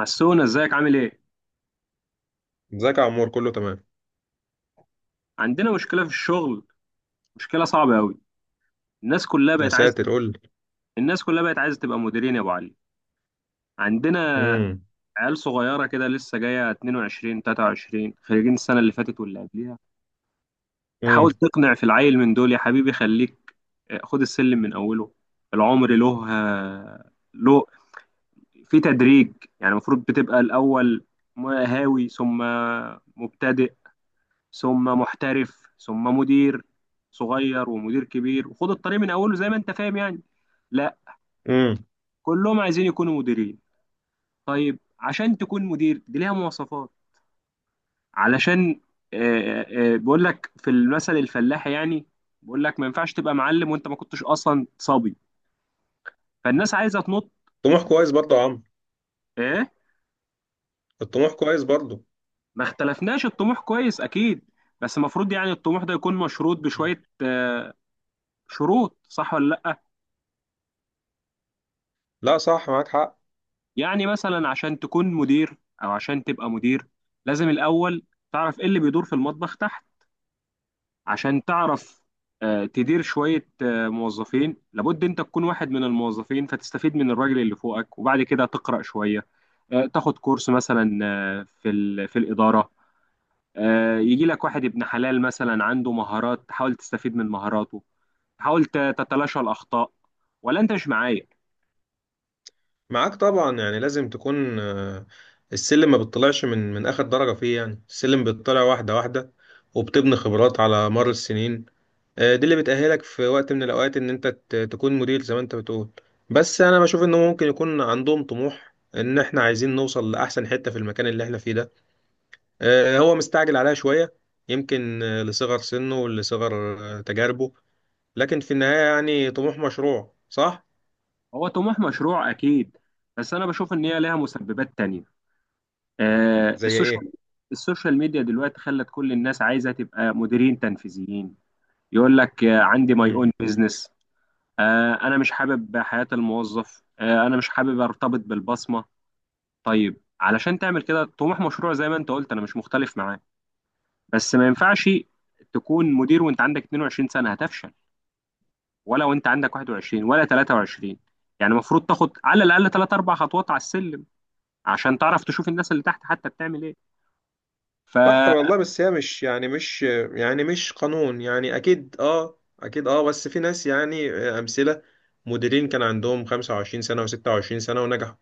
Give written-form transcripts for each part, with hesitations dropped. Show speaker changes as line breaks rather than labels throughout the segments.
حسونا ازيك عامل ايه؟
ازيك يا عمور، كله تمام.
عندنا مشكله في الشغل، مشكله صعبه قوي. الناس كلها
يا
بقت عايزه
ساتر،
تبقى،
قول لي.
الناس كلها بقت عايزه تبقى مديرين يا ابو علي. عندنا
امم.
عيال صغيره كده لسه جايه 22 23 خريجين السنه اللي فاتت واللي قبليها. تحاول
امم.
تقنع في العيل من دول يا حبيبي خليك، خد السلم من اوله. العمر له، له في تدريج. يعني المفروض بتبقى الاول هاوي، ثم مبتدئ، ثم محترف، ثم مدير صغير ومدير كبير، وخد الطريق من اوله زي ما انت فاهم يعني. لا،
امم.
كلهم عايزين يكونوا مديرين. طيب عشان تكون مدير دي ليها مواصفات، علشان آه، بقول لك في المثل الفلاحي يعني. بقول لك ما ينفعش تبقى معلم وانت ما كنتش اصلا صبي. فالناس عايزه تنط.
طموح كويس برضه يا عمرو،
ايه،
الطموح كويس برضه.
ما اختلفناش الطموح كويس اكيد. بس المفروض يعني الطموح ده يكون مشروط
مم.
بشويه شروط، صح ولا لا؟
لا، صح، معاك حق.
يعني مثلا عشان تكون مدير او عشان تبقى مدير، لازم الاول تعرف ايه اللي بيدور في المطبخ تحت، عشان تعرف تدير شوية موظفين. لابد انت تكون واحد من الموظفين، فتستفيد من الراجل اللي فوقك، وبعد كده تقرأ شوية، تاخد كورس مثلا في الإدارة. يجي لك واحد ابن حلال مثلا عنده مهارات، تحاول تستفيد من مهاراته. حاول تتلاشى الأخطاء. ولا انت مش معايا؟
معاك طبعا، يعني لازم تكون السلم ما بتطلعش من اخر درجة فيه، يعني السلم بيطلع واحدة واحدة، وبتبني خبرات على مر السنين. دي اللي بتأهلك في وقت من الاوقات ان انت تكون مدير زي ما انت بتقول. بس انا بشوف انه ممكن يكون عندهم طموح ان احنا عايزين نوصل لاحسن حتة في المكان اللي احنا فيه ده. هو مستعجل عليها شوية، يمكن لصغر سنه ولصغر تجاربه. لكن في النهاية يعني طموح مشروع، صح؟
هو طموح مشروع أكيد، بس أنا بشوف إن هي لها مسببات تانية. آه،
زي
السوشيال
ايه؟
السوشيال ميديا دلوقتي خلت كل الناس عايزه تبقى مديرين تنفيذيين. يقول لك عندي ماي
مم.
اون بزنس، انا مش حابب حياه الموظف، انا مش حابب ارتبط بالبصمه. طيب علشان تعمل كده طموح مشروع زي ما انت قلت، انا مش مختلف معاه، بس ما ينفعش تكون مدير وانت عندك 22 سنه، هتفشل. ولا وانت عندك 21 ولا 23. يعني المفروض تاخد على الاقل 3 4 خطوات على السلم، عشان تعرف تشوف الناس اللي تحت حتى بتعمل ايه. ف
صح والله. بس هي مش، يعني مش، يعني مش قانون، يعني أكيد اه أكيد اه. بس في ناس يعني أمثلة، مديرين كان عندهم 25 سنة و26 سنة ونجحوا.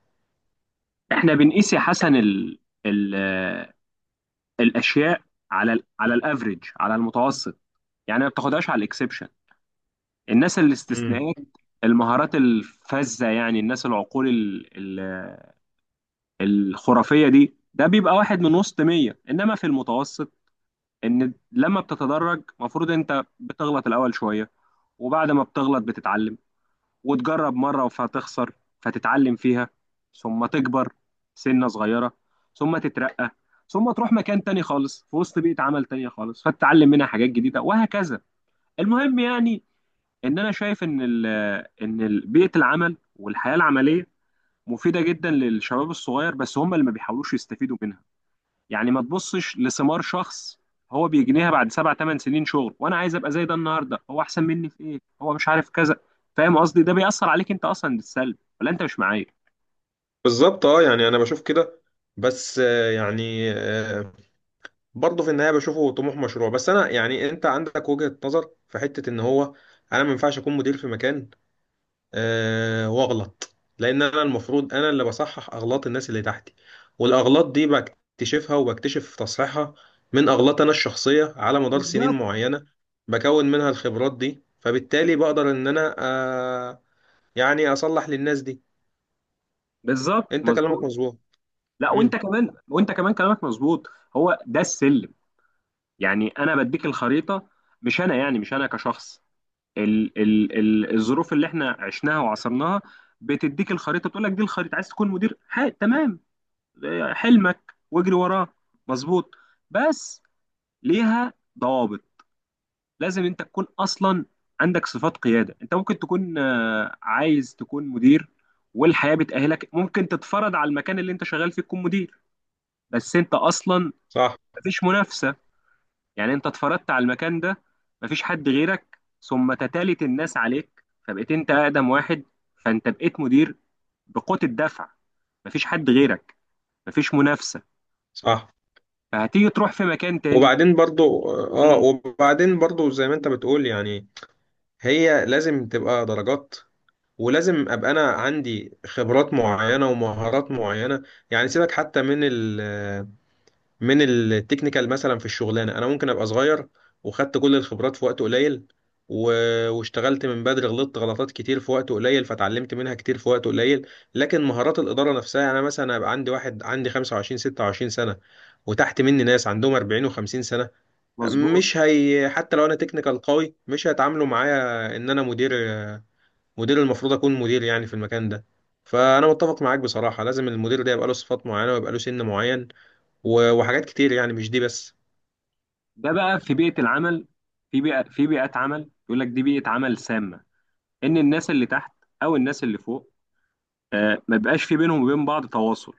احنا بنقيس يا حسن ال ال آه، الاشياء على ال على الافريج، على المتوسط. يعني ما بتاخدهاش على الاكسبشن، الناس
مم.
الاستثناءات، المهارات الفذة، يعني الناس العقول ال ال آه، الخرافية دي، ده بيبقى واحد من وسط 100. انما في المتوسط، ان لما بتتدرج المفروض انت بتغلط الاول شوية، وبعد ما بتغلط بتتعلم، وتجرب مرة فهتخسر فتتعلم فيها، ثم تكبر سنة صغيرة، ثم تترقى، ثم تروح مكان تاني خالص في وسط بيئة عمل تانية خالص، فتتعلم منها حاجات جديدة، وهكذا. المهم يعني، ان انا شايف ان بيئة العمل والحياة العملية مفيدة جدا للشباب الصغير، بس هم اللي ما بيحاولوش يستفيدوا منها. يعني ما تبصش لثمار شخص هو بيجنيها بعد سبع ثمان سنين شغل، وانا عايز ابقى زي ده النهارده. هو احسن مني في ايه؟ هو مش عارف كذا. فاهم قصدي؟ ده بيأثر عليك انت اصلا بالسلب، ولا انت مش معايا؟
بالظبط اه، يعني أنا بشوف كده. بس برضه في النهايه بشوفه طموح مشروع. بس انا يعني انت عندك وجهه نظر في حته ان هو انا ما ينفعش اكون مدير في مكان واغلط، لان انا المفروض، انا اللي بصحح اغلاط الناس اللي تحتي، والاغلاط دي بكتشفها وبكتشف تصحيحها من اغلاط انا الشخصيه على مدار سنين
بالظبط.
معينه، بكون منها الخبرات دي، فبالتالي بقدر ان انا يعني اصلح للناس دي.
بالظبط
انت كلامك
مظبوط.
مظبوط.
لا وانت
امم.
كمان، وانت كمان كلامك مظبوط. هو ده السلم، يعني انا بديك الخريطه، مش انا يعني، مش انا كشخص، ال ال ال الظروف اللي احنا عشناها وعصرناها بتديك الخريطه، تقول لك دي الخريطه. عايز تكون مدير؟ تمام، اه، حلمك واجري وراه، مظبوط، بس ليها ضوابط. لازم انت تكون اصلا عندك صفات قياده. انت ممكن تكون عايز تكون مدير، والحياه بتاهلك، ممكن تتفرض على المكان اللي انت شغال فيه تكون مدير، بس انت اصلا
صح.
مفيش منافسه. يعني انت اتفرضت على المكان ده، مفيش حد غيرك، ثم تتالت الناس عليك فبقيت انت اقدم واحد، فانت بقيت مدير بقوه الدفع، مفيش حد غيرك، مفيش منافسه.
صح.
فهتيجي تروح في مكان تاني. مم.
وبعدين برضو زي ما انت بتقول يعني. هي لازم تبقى درجات، ولازم ابقى انا عندي خبرات معينه ومهارات معينه، يعني سيبك حتى من التكنيكال، مثلا في الشغلانه انا ممكن ابقى صغير وخدت كل الخبرات في وقت قليل، واشتغلت من بدري، غلطت غلطات كتير في وقت قليل فتعلمت منها كتير في وقت قليل. لكن مهارات الاداره نفسها، يعني انا مثلا هيبقى عندي واحد عندي 25 26 سنه وتحت مني ناس عندهم 40 و50 سنه،
مظبوط.
مش هي حتى لو انا تكنيكال قوي مش هيتعاملوا معايا ان انا مدير. مدير المفروض اكون مدير يعني في المكان ده. فانا متفق معاك بصراحة، لازم المدير ده يبقى له صفات معينة ويبقى له سن معين، وحاجات كتير يعني، مش دي بس.
ده بقى في بيئة العمل، في بيئة في بيئات عمل، يقول لك دي بيئة عمل سامة. إن الناس اللي تحت أو الناس اللي فوق ما بيبقاش في بينهم وبين بعض تواصل.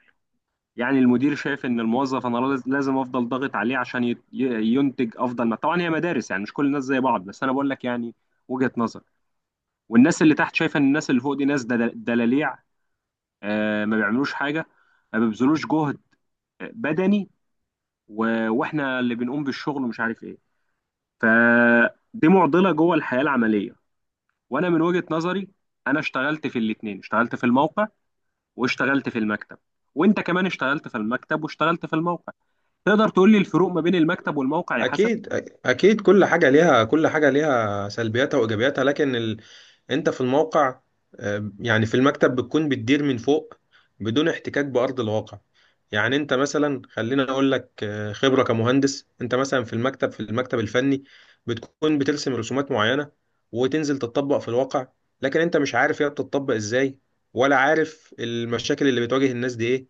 يعني المدير شايف إن الموظف، أنا لازم أفضل ضاغط عليه عشان ينتج أفضل ما. طبعا هي مدارس يعني، مش كل الناس زي بعض، بس أنا بقول لك يعني وجهة نظر. والناس اللي تحت شايفة إن الناس اللي فوق دي ناس دلاليع، ما بيعملوش حاجة، ما بيبذلوش جهد بدني، وإحنا اللي بنقوم بالشغل، ومش عارف إيه. فدي معضلة جوه الحياة العملية. وانا من وجهة نظري، انا اشتغلت في الاتنين، اشتغلت في الموقع واشتغلت في المكتب، وانت كمان اشتغلت في المكتب واشتغلت في الموقع. تقدر تقول لي الفروق ما بين المكتب والموقع يا حسن؟
اكيد كل حاجة ليها سلبياتها وايجابياتها، لكن انت في الموقع. يعني في المكتب بتكون بتدير من فوق بدون احتكاك بأرض الواقع. يعني انت مثلا، خلينا اقول لك خبرة كمهندس، انت مثلا في المكتب، في المكتب الفني، بتكون بترسم رسومات معينة وتنزل تطبق في الواقع، لكن انت مش عارف هي بتطبق ازاي، ولا عارف المشاكل اللي بتواجه الناس دي ايه،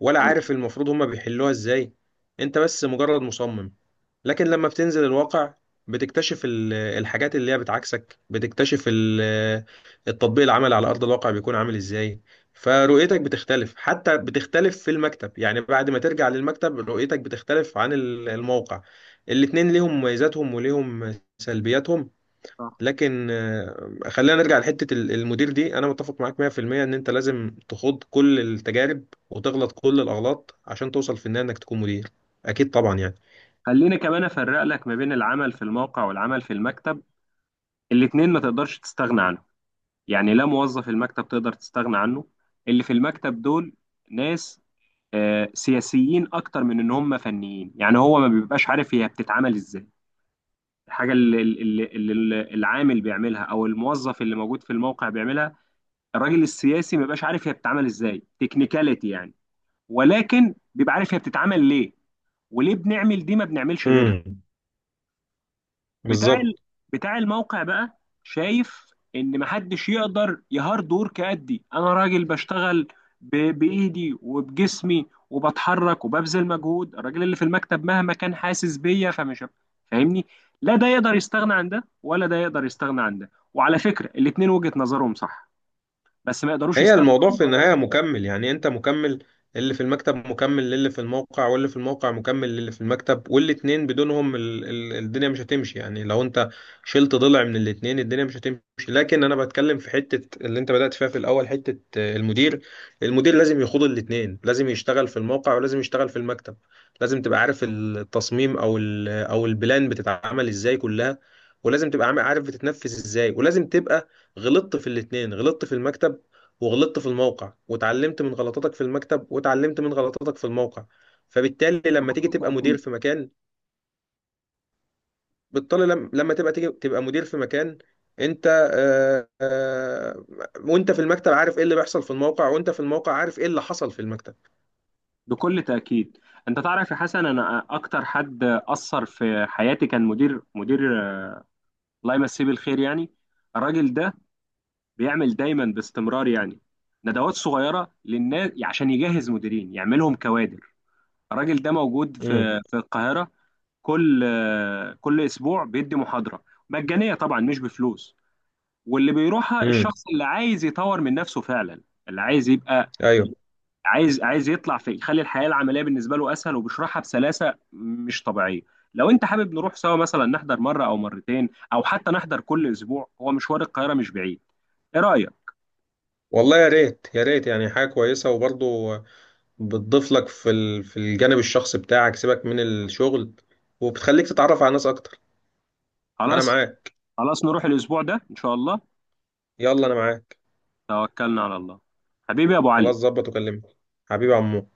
ولا عارف
مظبوط.
المفروض هما بيحلوها ازاي. انت بس مجرد مصمم. لكن لما بتنزل الواقع، بتكتشف الحاجات اللي هي بتعكسك، بتكتشف التطبيق العملي على أرض الواقع بيكون عامل إزاي. فرؤيتك بتختلف، حتى بتختلف في المكتب، يعني بعد ما ترجع للمكتب رؤيتك بتختلف عن الموقع. الاتنين ليهم مميزاتهم وليهم سلبياتهم.
صح.
لكن خلينا نرجع لحتة المدير دي، أنا متفق معاك 100% إن أنت لازم تخوض كل التجارب وتغلط كل الأغلاط عشان توصل في النهاية إنك تكون مدير، أكيد طبعا يعني.
خليني كمان افرق لك ما بين العمل في الموقع والعمل في المكتب. الاتنين ما تقدرش تستغنى عنهم. يعني لا موظف المكتب تقدر تستغنى عنه. اللي في المكتب دول ناس سياسيين اكتر من ان هم فنيين. يعني هو ما بيبقاش عارف هي بتتعمل ازاي الحاجه اللي العامل بيعملها او الموظف اللي موجود في الموقع بيعملها. الراجل السياسي ما بيبقاش عارف هي بتتعمل ازاي تكنيكاليتي يعني، ولكن بيبقى عارف هي بتتعمل ليه، وليه بنعمل دي ما بنعملش غيرها.
مم.
بتاع ال...
بالظبط.
بتاع الموقع بقى شايف ان محدش يقدر يهارد ورك قدي. انا راجل بشتغل ب... بايدي وبجسمي وبتحرك وببذل مجهود، الراجل اللي في المكتب مهما كان حاسس بيا فمش فاهمني. لا ده يقدر يستغنى عن ده، ولا ده يقدر يستغنى عن ده، وعلى فكرة الاتنين وجهة نظرهم صح، بس ما يقدروش
هي
يستغنوا
الموضوع
عن
في
بعض.
النهاية مكمل، يعني انت مكمل، اللي في المكتب مكمل للي في الموقع، واللي في الموقع مكمل للي في المكتب، والاتنين بدونهم ال ال الدنيا مش هتمشي، يعني لو انت شلت ضلع من الاتنين الدنيا مش هتمشي. لكن انا بتكلم في حتة اللي انت بدأت فيها في الاول، حتة المدير. المدير لازم يخوض الاتنين، لازم يشتغل في الموقع ولازم يشتغل في المكتب، لازم تبقى عارف التصميم او البلان بتتعمل ازاي كلها، ولازم تبقى عارف بتتنفذ ازاي، ولازم تبقى غلطت في الاتنين، غلطت في المكتب وغلطت في الموقع، واتعلمت من غلطاتك في المكتب واتعلمت من غلطاتك في الموقع، فبالتالي لما تيجي
بكل
تبقى مدير
تأكيد.
في مكان، بالتالي لما تبقى تيجي تبقى مدير في مكان، انت آه، آه، وانت في المكتب عارف ايه اللي بيحصل في الموقع، وانت في الموقع عارف ايه اللي حصل في المكتب.
بكل تأكيد. انت تعرف يا حسن انا اكتر حد اثر في حياتي كان مدير، الله يمسيه بالخير يعني. الراجل ده بيعمل دايما باستمرار يعني ندوات صغيره للناس عشان يجهز مديرين، يعملهم كوادر. الراجل ده موجود
امم.
في القاهره. كل كل اسبوع بيدي محاضره مجانيه طبعا، مش بفلوس. واللي بيروحها
امم.
الشخص اللي عايز يطور من نفسه فعلا، اللي عايز يبقى،
ايوه،
عايز يطلع، في يخلي الحياه العمليه بالنسبه له اسهل. وبيشرحها بسلاسه مش طبيعيه. لو انت حابب نروح سوا مثلا نحضر مره او مرتين، او حتى نحضر كل اسبوع، هو مشوار القاهره مش بعيد. ايه رايك؟
والله يا ريت، يا ريت يعني حاجه كويسه، وبرضه بتضيف لك في في الجانب الشخصي بتاعك، سيبك من الشغل، وبتخليك تتعرف على ناس اكتر. انا
خلاص،
معاك.
خلاص نروح الاسبوع ده ان شاء الله.
يلا انا معاك.
توكلنا على الله. حبيبي يا ابو علي.
خلاص، ظبط وكلمني. حبيبي يا عمو.